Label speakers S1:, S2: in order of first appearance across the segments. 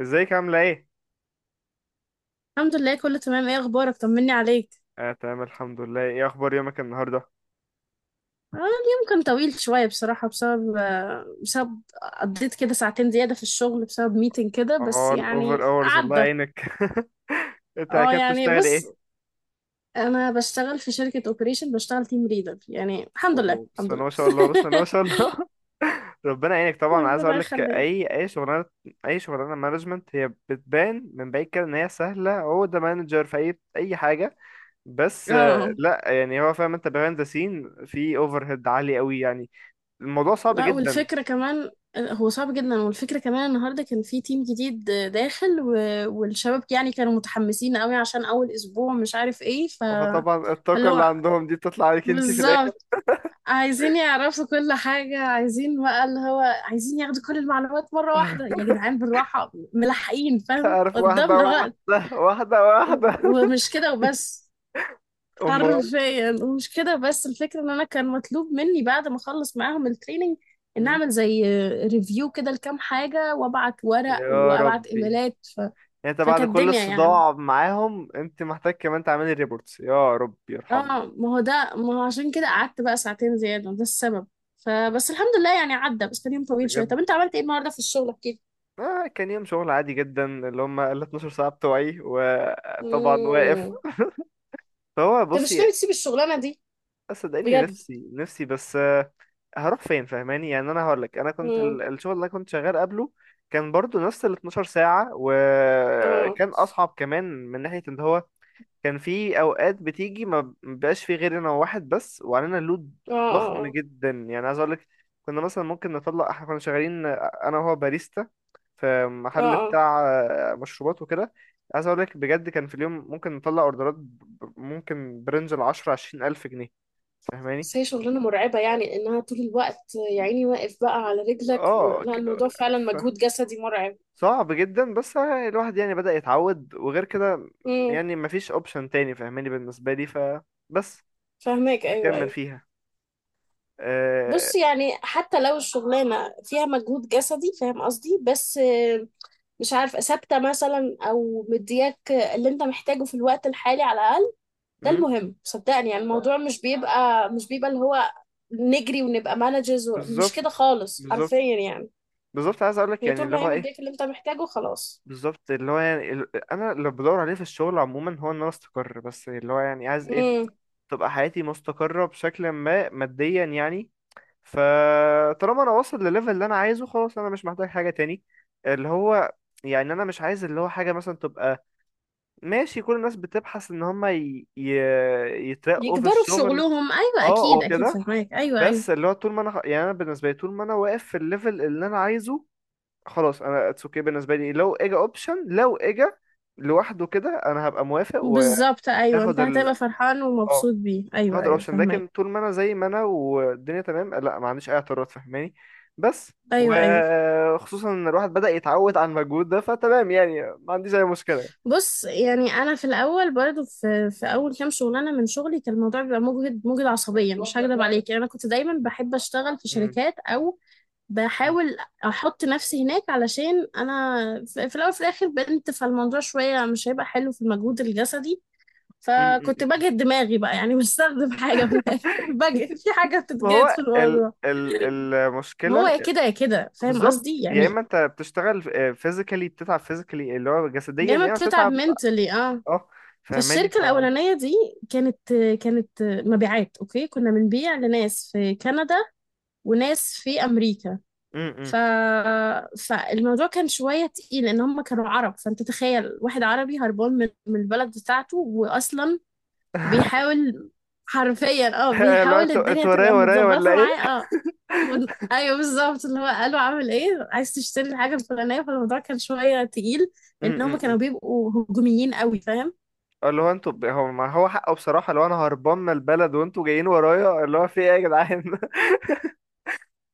S1: ازيك عاملة ايه؟
S2: الحمد لله، كله تمام. ايه اخبارك؟ طمني عليك.
S1: اه، تمام الحمد لله. ايه اخبار يومك النهاردة؟
S2: اه، اليوم كان طويل شويه بصراحه، بسبب قضيت كده ساعتين زياده في الشغل بسبب ميتنج كده، بس
S1: اه، الاوفر
S2: يعني
S1: اورز الله
S2: عدى.
S1: يعينك. انت
S2: اه،
S1: كده
S2: يعني
S1: بتشتغلي ايه؟
S2: بص. انا بشتغل في شركه اوبريشن، بشتغل تيم ليدر يعني. الحمد لله،
S1: اوه،
S2: الحمد
S1: بسم
S2: لله.
S1: الله ما شاء الله، بسم الله ما شاء الله. ربنا يعينك، طبعا عايز
S2: ربنا
S1: اقول لك
S2: يخليك.
S1: اي شغلانه. اي شغلانه مانجمنت هي بتبان من بعيد كده ان هي سهله، هو ده مانجر في اي حاجه. بس
S2: اه. آه.
S1: لا، يعني هو فاهم انت بيهايند ذا سين، في اوفر هيد عالي قوي يعني. الموضوع صعب
S2: لا،
S1: جدا.
S2: والفكره كمان. هو صعب جدا، والفكره كمان النهارده كان في تيم جديد داخل والشباب يعني كانوا متحمسين قوي عشان اول اسبوع، مش عارف ايه
S1: فطبعا
S2: فاللي
S1: الطاقه اللي
S2: هو
S1: عندهم دي بتطلع عليك انت في الاخر.
S2: بالظبط، عايزين يعرفوا كل حاجة، عايزين بقى اللي هو عايزين ياخدوا كل المعلومات مرة واحدة. يا جدعان بالراحة، ملحقين، فاهم
S1: عارف، واحدة
S2: قدامنا وقت.
S1: واحدة واحدة واحدة.
S2: ومش كده وبس،
S1: أمال.
S2: حرفيا ومش كده بس. الفكرة ان انا كان مطلوب مني بعد ما اخلص معاهم التريننج ان
S1: مم.
S2: اعمل زي ريفيو كده لكام حاجة، وابعت ورق
S1: يا
S2: وابعت
S1: ربي.
S2: ايميلات.
S1: يعني انت بعد
S2: فكانت
S1: كل
S2: الدنيا يعني،
S1: الصداع معاهم انت محتاج كمان تعملي ريبورتس؟ يا ربي يرحمني.
S2: اه ما هو ده، ما هو عشان كده قعدت بقى ساعتين زيادة، ده السبب. فبس الحمد لله يعني عدى، بس كان يوم طويل شوية. طب
S1: بجد.
S2: انت عملت ايه النهاردة في الشغل كده؟
S1: كان يوم شغل عادي جدا، اللي هم ال 12 ساعة بتوعي، وطبعا واقف.
S2: امم.
S1: فهو
S2: انت مش
S1: بصي.
S2: ناوي تسيب الشغلانة دي؟
S1: صدقني،
S2: بجد؟
S1: نفسي نفسي، بس هروح فين؟ فاهماني؟ يعني انا هقول لك، انا كنت
S2: امم.
S1: الشغل اللي انا كنت شغال قبله كان برضو نفس ال 12 ساعة،
S2: اه،
S1: وكان اصعب كمان من ناحية ان هو كان في اوقات بتيجي ما بيبقاش في غير انا وواحد بس، وعلينا لود
S2: اه، اه.
S1: ضخم
S2: اه،
S1: جدا. يعني عايز اقول لك، كنا مثلا ممكن نطلع، احنا كنا شغالين انا وهو باريستا في
S2: اه،
S1: محل
S2: اه.
S1: بتاع مشروبات وكده. عايز اقول لك بجد، كان في اليوم ممكن نطلع اوردرات ممكن برنج العشرة عشرين الف جنيه. فاهماني؟
S2: بس هي شغلانة مرعبة يعني، انها طول الوقت يا عيني واقف بقى على رجلك.
S1: اه
S2: لا،
S1: ك-
S2: الموضوع فعلا
S1: ف-
S2: مجهود جسدي مرعب.
S1: صعب جدا، بس الواحد يعني بدأ يتعود. وغير كده
S2: امم.
S1: يعني مفيش اوبشن تاني، فاهماني؟ بالنسبة لي فبس
S2: فاهماك، ايوه،
S1: بكمل
S2: ايوه.
S1: فيها. أه...
S2: بص يعني حتى لو الشغلانة فيها مجهود جسدي، فاهم قصدي، بس مش عارفة ثابتة مثلا أو مدياك اللي أنت محتاجه في الوقت الحالي، على الأقل ده المهم. صدقني يعني الموضوع مش بيبقى اللي هو نجري ونبقى مانجرز، مش
S1: بالظبط،
S2: كده خالص
S1: بالظبط،
S2: حرفيا يعني.
S1: بالظبط. عايز اقول لك
S2: هي
S1: يعني
S2: طول
S1: اللي
S2: ما هي
S1: هو ايه؟
S2: مدياك اللي أنت محتاجه، خلاص.
S1: بالظبط، اللي هو يعني انا اللي بدور عليه في الشغل عموما هو ان انا استقر. بس اللي هو يعني عايز ايه؟
S2: امم.
S1: تبقى حياتي مستقرة بشكل ما، ماديا يعني. فطالما انا واصل لليفل اللي انا عايزه، خلاص انا مش محتاج حاجة تاني. اللي هو يعني انا مش عايز اللي هو حاجة مثلا تبقى ماشي. كل الناس بتبحث ان هما يترقوا في
S2: يكبروا في
S1: الشغل.
S2: شغلهم، أيوة،
S1: اه
S2: أكيد أكيد،
S1: وكده.
S2: فهماك، أيوة أيوة.
S1: بس اللي هو طول ما انا، يعني انا بالنسبة لي، طول ما انا واقف في الليفل اللي انا عايزه، خلاص انا اتس اوكي. بالنسبه لي لو اجا اوبشن، لو اجا لوحده كده، انا هبقى موافق
S2: بالظبط، أيوة، أنت
S1: وهاخد ال
S2: هتبقى فرحان
S1: اه،
S2: ومبسوط بيه، أيوة
S1: هاخد
S2: أيوة
S1: الاوبشن.
S2: فهماك،
S1: لكن طول ما انا زي ما انا، والدنيا تمام، لا، ما عنديش اي اعتراض، فاهماني؟ بس.
S2: أيوة أيوة.
S1: وخصوصا ان الواحد بدأ يتعود على المجهود ده، فتمام يعني، ما عنديش اي مشكله.
S2: بص يعني انا في الاول برضو في اول كام شغلانه من شغلي كان الموضوع بيبقى مجهد، مجهد عصبيا، مش هكدب عليك. يعني انا كنت دايما بحب اشتغل في
S1: مم.
S2: شركات، او
S1: مم.
S2: بحاول احط نفسي هناك، علشان انا في الاول في الاخر بنت، فالموضوع شويه مش هيبقى حلو في المجهود الجسدي.
S1: مم. مم.
S2: فكنت
S1: مم.
S2: بجهد دماغي بقى يعني بستخدم حاجه من الاخر بجهد في حاجه
S1: ما
S2: بتتجهد
S1: هو
S2: في
S1: ال
S2: الموضوع.
S1: ال
S2: هو
S1: المشكله،
S2: يا كده يا كده، فاهم
S1: بالظبط.
S2: قصدي
S1: يا
S2: يعني.
S1: اما انت بتشتغل فيزيكالي، بتتعب فيزيكالي اللي هو
S2: يا
S1: جسديا،
S2: اما
S1: يا اما
S2: بتتعب
S1: بتتعب.
S2: منتلي، اه.
S1: اه، فاهماني؟
S2: فالشركة الأولانية دي كانت، كانت مبيعات. أوكي، كنا بنبيع لناس في كندا وناس في أمريكا.
S1: م- م.
S2: ف... فالموضوع كان شوية تقيل، لأن هم كانوا عرب. فأنت تخيل واحد عربي هربان من البلد بتاعته، وأصلا بيحاول حرفيا اه،
S1: اللي هو
S2: بيحاول
S1: انتوا
S2: الدنيا
S1: انتوا ورايا
S2: تبقى
S1: ورايا ولا
S2: متظبطة
S1: ايه؟
S2: معاه، اه. ايوه بالظبط، اللي هو قالوا عامل ايه، عايز تشتري الحاجة الفلانية. فالموضوع كان شوية تقيل لأن هم كانوا
S1: امم.
S2: بيبقوا هجوميين قوي، فاهم.
S1: اللي هو انتوا هو ما هو حقه بصراحة، لو انا هربان من البلد وانتوا جايين ورايا، اللي هو في ايه يا جدعان؟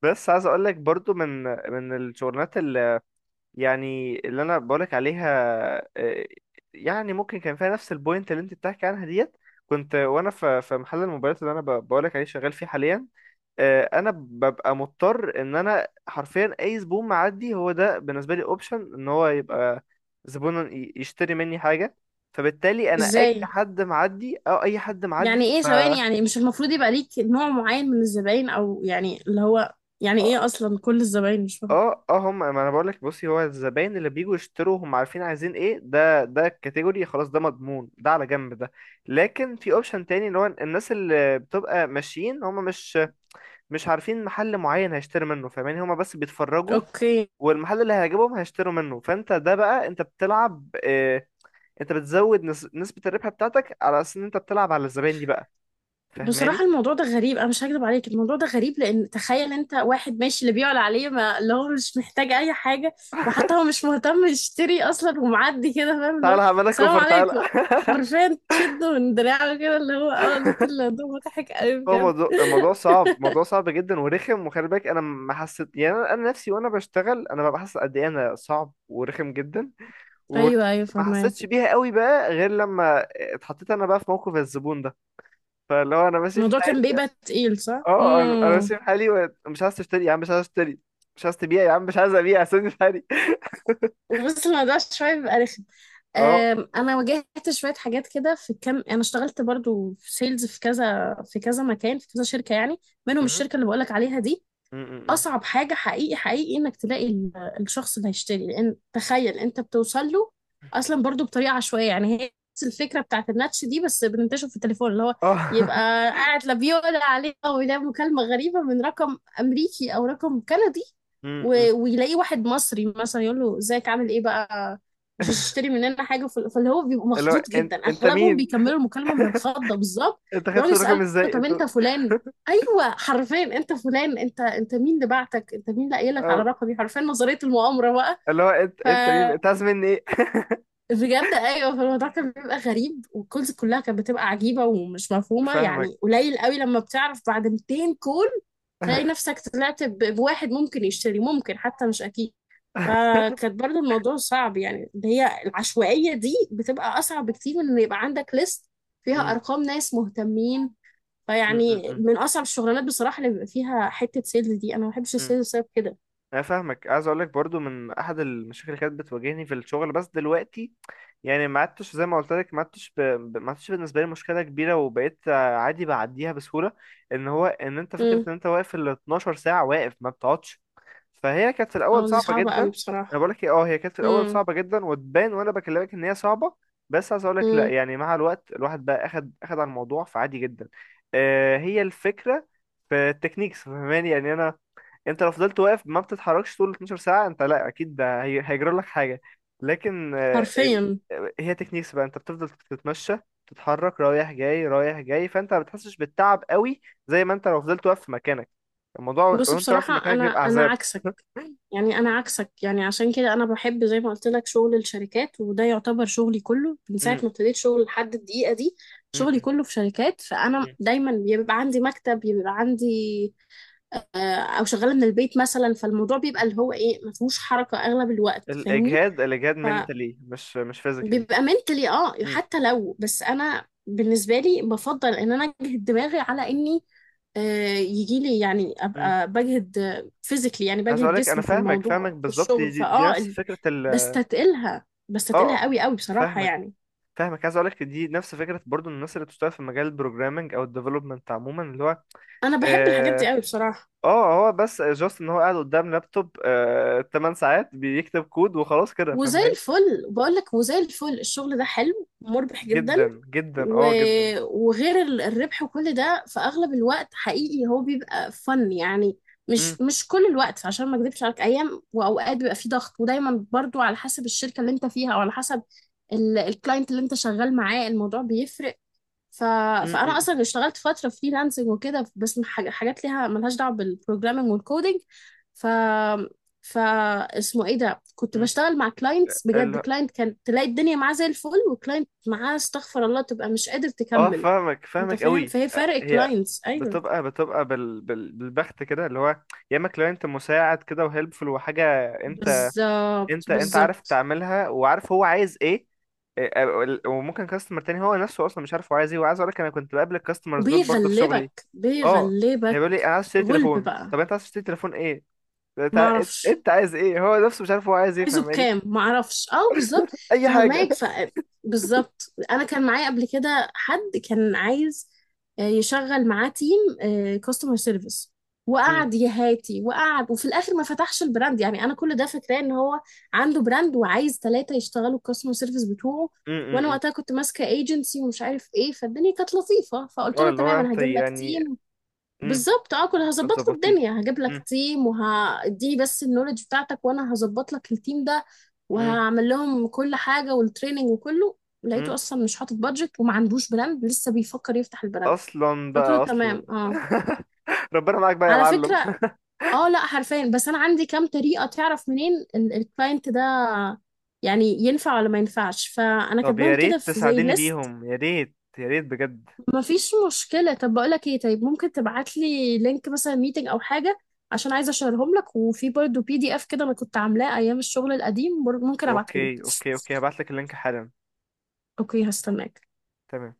S1: بس عايز اقول لك برضو من من الشغلانات، يعني اللي انا بقولك عليها، آه، يعني ممكن كان فيها نفس البوينت اللي انت بتحكي عنها ديت. كنت وانا في محل الموبايلات اللي انا بقولك عليه شغال فيه حاليا، انا ببقى مضطر ان انا حرفيا اي زبون معدي هو ده بالنسبه لي اوبشن ان هو يبقى زبون يشتري مني حاجه. فبالتالي انا اي
S2: ازاي
S1: حد معدي او اي حد
S2: يعني؟
S1: معدي
S2: ايه، ثواني، يعني مش المفروض يبقى ليك نوع معين من الزباين، او يعني اللي هو، يعني ايه اصلا كل الزباين، مش فاهم.
S1: اه اه. هم، ما انا بقول لك بصي، هو الزباين اللي بيجوا يشتروا هم عارفين عايزين ايه، ده ده الكاتيجوري خلاص، ده مضمون، ده على جنب ده. لكن في اوبشن تاني، اللي هو الناس اللي بتبقى ماشيين هم مش عارفين محل معين هيشتري منه، فاهماني؟ هم بس بيتفرجوا،
S2: اوكي.
S1: والمحل اللي هيعجبهم هيشتروا منه. فانت ده بقى انت بتلعب، اه، انت بتزود نسبة الربح بتاعتك على اساس ان انت بتلعب على الزباين دي بقى.
S2: بصراحة
S1: فاهماني؟
S2: الموضوع ده غريب، انا مش هكذب عليك الموضوع ده غريب. لان تخيل انت واحد ماشي اللي بيعلى عليه ما اللي هو مش محتاج اي حاجة، وحتى هو مش مهتم يشتري اصلا ومعدي كده، فاهم اللي هو.
S1: تعالى هعملك
S2: السلام
S1: اوفر، تعالى.
S2: عليكم. حرفيا تشده من دراعه كده اللي هو، اه. قلت اللي ده مضحك قوي
S1: هو
S2: بجد
S1: الموضوع صعب، موضوع صعب جدا ورخم. وخلي بالك انا ما حسيت، يعني انا، أنا نفسي وانا بشتغل انا ببقى حاسس قد ايه انا صعب ورخم جدا، وما
S2: ايوه، ايوه،
S1: حسيتش
S2: فاهمك.
S1: بيها قوي بقى غير لما اتحطيت انا بقى في موقف الزبون ده. فاللي هو انا ماشي في
S2: الموضوع كان
S1: حالي.
S2: بيبقى تقيل، صح؟
S1: اه، انا
S2: امم.
S1: ماشي في حالي، ومش عايز تشتري يا عم، مش عايز اشتري. مش عايز تبيع يا عم، مش عايز ابيع، سيبني في حالي.
S2: بص الموضوع شوية بيبقى رخم.
S1: اه
S2: أنا واجهت شوية حاجات كده في كام. أنا اشتغلت برضو في سيلز، في كذا، في كذا مكان، في كذا شركة يعني، منهم
S1: م-
S2: الشركة اللي بقولك عليها دي.
S1: م- م- م.
S2: اصعب حاجه حقيقي، حقيقي انك تلاقي الشخص اللي هيشتري. لان تخيل انت بتوصل له اصلا برضو بطريقه عشوائيه. يعني هي نفس الفكره بتاعت الناتش دي، بس بننتشر في التليفون، اللي هو
S1: اه.
S2: يبقى قاعد لا بيقول عليه، او يلاقي مكالمه غريبه من رقم امريكي او رقم كندي،
S1: م- م.
S2: ويلاقي واحد مصري مثلا يقول له ازيك عامل ايه بقى، مش هتشتري مننا حاجه. فاللي هو بيبقى
S1: اللي هو
S2: مخضوض
S1: انت
S2: جدا.
S1: انت
S2: اغلبهم
S1: مين؟
S2: بيكملوا المكالمه من الخضه بالظبط،
S1: انت
S2: بيقعدوا
S1: خدت
S2: يسالوا
S1: الرقم ازاي
S2: طب
S1: انت؟
S2: انت فلان، ايوه حرفيا انت فلان، انت مين اللي بعتك، انت مين اللي قايل لك على
S1: آه،
S2: رقمي، حرفيا نظريه المؤامره بقى.
S1: اللي هو انت
S2: ف،
S1: انت مين؟ انت عايز مني ايه؟
S2: بجد ايوه، فالموضوع كان بيبقى غريب، والكولز كلها كانت بتبقى عجيبه ومش مفهومه
S1: فاهمك.
S2: يعني. قليل قوي لما بتعرف بعد 200 كول تلاقي نفسك طلعت بواحد ممكن يشتري، ممكن حتى مش اكيد. فكانت برضو الموضوع صعب يعني، اللي هي العشوائيه دي بتبقى اصعب بكتير من ان يبقى عندك ليست فيها
S1: مم،
S2: ارقام ناس مهتمين.
S1: مم، مم،
S2: فيعني
S1: مم،
S2: من اصعب الشغلانات بصراحه اللي بيبقى فيها حته سيلز دي، انا ما بحبش
S1: مم.
S2: السيلز بسبب كده.
S1: انا فاهمك. عايز اقول لك برضو، من احد المشاكل اللي كانت بتواجهني في الشغل، بس دلوقتي يعني ما عدتش، زي ما قلت لك ما عدتش بالنسبه لي مشكله كبيره، وبقيت عادي بعديها بسهوله، ان هو ان انت فكره
S2: امم.
S1: ان انت واقف ال 12 ساعه واقف ما بتقعدش. فهي كانت في
S2: اه
S1: الاول
S2: دي
S1: صعبه
S2: صعبه
S1: جدا.
S2: قوي
S1: انا
S2: بصراحه.
S1: بقول لك إيه، اه، هي كانت في الاول
S2: امم،
S1: صعبه جدا وتبان وانا بكلمك ان هي صعبه. بس عايز اقول لك لا،
S2: امم،
S1: يعني مع الوقت الواحد بقى اخد على الموضوع، فعادي جدا. هي الفكره في التكنيكس، فاهماني؟ يعني انا، انت لو فضلت واقف ما بتتحركش طول 12 ساعة انت، لا اكيد ده هيجرى لك حاجة. لكن
S2: حرفيا.
S1: هي تكنيكس بقى، انت بتفضل تتمشى، تتحرك رايح جاي رايح جاي، فانت ما بتحسش بالتعب قوي. زي ما انت لو فضلت واقف في مكانك، الموضوع
S2: بص
S1: وانت واقف في
S2: بصراحه
S1: مكانك
S2: انا
S1: بيبقى
S2: انا
S1: عذاب.
S2: عكسك. يعني انا عكسك، يعني عشان كده انا بحب زي ما قلت لك شغل الشركات. وده يعتبر شغلي كله من ساعه
S1: م-
S2: ما ابتديت شغل لحد الدقيقه دي،
S1: م-
S2: شغلي
S1: م-
S2: كله في شركات. فانا
S1: م-
S2: دايما بيبقى عندي مكتب، بيبقى عندي آه، او شغاله من البيت مثلا. فالموضوع بيبقى
S1: م.
S2: اللي هو ايه، ما فيهوش حركه اغلب الوقت، فاهمني.
S1: الاجهاد، الاجهاد منتلي، مش فيزيكالي.
S2: بيبقى منتلي، اه. يعني حتى لو، بس انا بالنسبه لي بفضل ان انا اجهد دماغي على اني، آه، يجي لي يعني ابقى بجهد فيزيكلي، يعني
S1: عايز
S2: بجهد
S1: اقولك انا
S2: جسمي في
S1: فاهمك،
S2: الموضوع في
S1: بالظبط دي,
S2: الشغل،
S1: دي, دي نفس فكرة
S2: بستتقلها، بستتقلها
S1: اه.
S2: قوي قوي بصراحه
S1: فاهمك
S2: يعني.
S1: فاهمك عايز اقولك دي نفس فكره برضو الناس اللي بتشتغل في مجال البروجرامنج او الديفلوبمنت عموما اللي هو
S2: انا بحب الحاجات دي
S1: اه.
S2: قوي بصراحه،
S1: هو بس جاست ان هو قاعد قدام لابتوب، 8 ساعات بيكتب كود وخلاص كده.
S2: وزي
S1: فاهماني؟
S2: الفل بقول لك. وزي الفل الشغل ده حلو، مربح جدا،
S1: جدا جدا،
S2: و...
S1: اه جدا.
S2: وغير الربح وكل ده، في اغلب الوقت حقيقي هو بيبقى فن يعني.
S1: امم.
S2: مش كل الوقت، عشان ما اكذبش عليك، ايام واوقات بيبقى فيه ضغط، ودايما برضو على حسب الشركه اللي انت فيها، او على حسب الكلاينت اللي انت شغال معاه الموضوع بيفرق ف...
S1: امم.
S2: فانا
S1: امم.
S2: اصلا اشتغلت فتره فريلانسنج وكده، بس من حاجات ليها، ملهاش دعوه بالبروجرامينج والكودينج. ف، ف، اسمه ايه ده، كنت
S1: إمم.
S2: بشتغل مع كلاينتس. بجد،
S1: ال...
S2: كلاينت كان تلاقي الدنيا معاه زي الفل، وكلاينت معاه استغفر الله تبقى مش قادر
S1: اه،
S2: تكمل.
S1: فاهمك
S2: انت فاهم،
S1: قوي
S2: فهي فرق
S1: هي
S2: كلاينتس، ايوه
S1: بتبقى بالبخت كده. اللي هو يا اما كلاينت مساعد كده وهيلبفul وحاجه انت
S2: بالظبط،
S1: انت عارف
S2: بالظبط.
S1: تعملها وعارف هو عايز ايه. إيه، وممكن كاستمر تاني هو نفسه اصلا مش عارف هو عايز ايه. وعايز اقول لك انا كنت بقابل الكاستمرز دول برضه في شغلي.
S2: وبيغلبك،
S1: اه. هيقولوا لي
S2: بيغلبك
S1: انا عايز اشتري
S2: غلب
S1: تليفون.
S2: بقى،
S1: طب انت عايز تشتري تليفون ايه؟ انت انت
S2: معرفش
S1: أنت عايز ايه؟ هو نفسه مش عارف هو عايز ايه،
S2: عايزه
S1: فاهماني؟
S2: بكام، معرفش، اه بالظبط.
S1: اي حاجه.
S2: فهماك، ف، بالظبط. انا كان معايا قبل كده حد كان عايز يشغل معاه تيم كاستمر سيرفيس،
S1: امم.
S2: وقعد يهاتي وقعد، وفي الاخر ما فتحش البراند. يعني انا كل ده فاكراه، ان هو عنده براند وعايز 3 يشتغلوا الكاستمر سيرفيس بتوعه.
S1: امم.
S2: وانا
S1: امم.
S2: وقتها كنت ماسكه ايجنسي ومش عارف ايه، فالدنيا كانت لطيفه فقلت
S1: اه،
S2: له
S1: اللي هو
S2: تمام انا
S1: انت
S2: هجيب لك
S1: يعني.
S2: تيم.
S1: امم.
S2: بالظبط اه، كنت هظبط له
S1: هتظبطيه.
S2: الدنيا، هجيب لك
S1: امم.
S2: تيم وهديني بس النولج بتاعتك وانا هظبط لك التيم ده،
S1: امم.
S2: وهعمل لهم كل حاجه والتريننج وكله. لقيته
S1: امم.
S2: اصلا مش حاطط بادجت، وما عندوش براند، لسه بيفكر يفتح البراند.
S1: اصلا
S2: قلت له
S1: بقى اصلا.
S2: تمام، اه،
S1: ربنا معاك بقى يا
S2: على
S1: معلم.
S2: فكره. اه لا حرفيا، بس انا عندي كام طريقه تعرف منين الكلاينت ده يعني ينفع ولا ما ينفعش، فانا
S1: طب
S2: كاتباهم
S1: يا
S2: كده
S1: ريت
S2: في زي
S1: تساعديني
S2: ليست.
S1: بيهم، يا ريت، يا ريت بجد.
S2: مفيش مشكلة، طب بقولك ايه، طيب ممكن تبعتلي لينك مثلا ميتنج او حاجة، عشان عايزة اشيرهم لك. وفي برضه PDF كده انا كنت عاملاه ايام الشغل القديم، ممكن ابعتهولك.
S1: اوكي، اوكي، اوكي، هبعت لك اللينك حالا.
S2: اوكي، هستناك.
S1: تمام.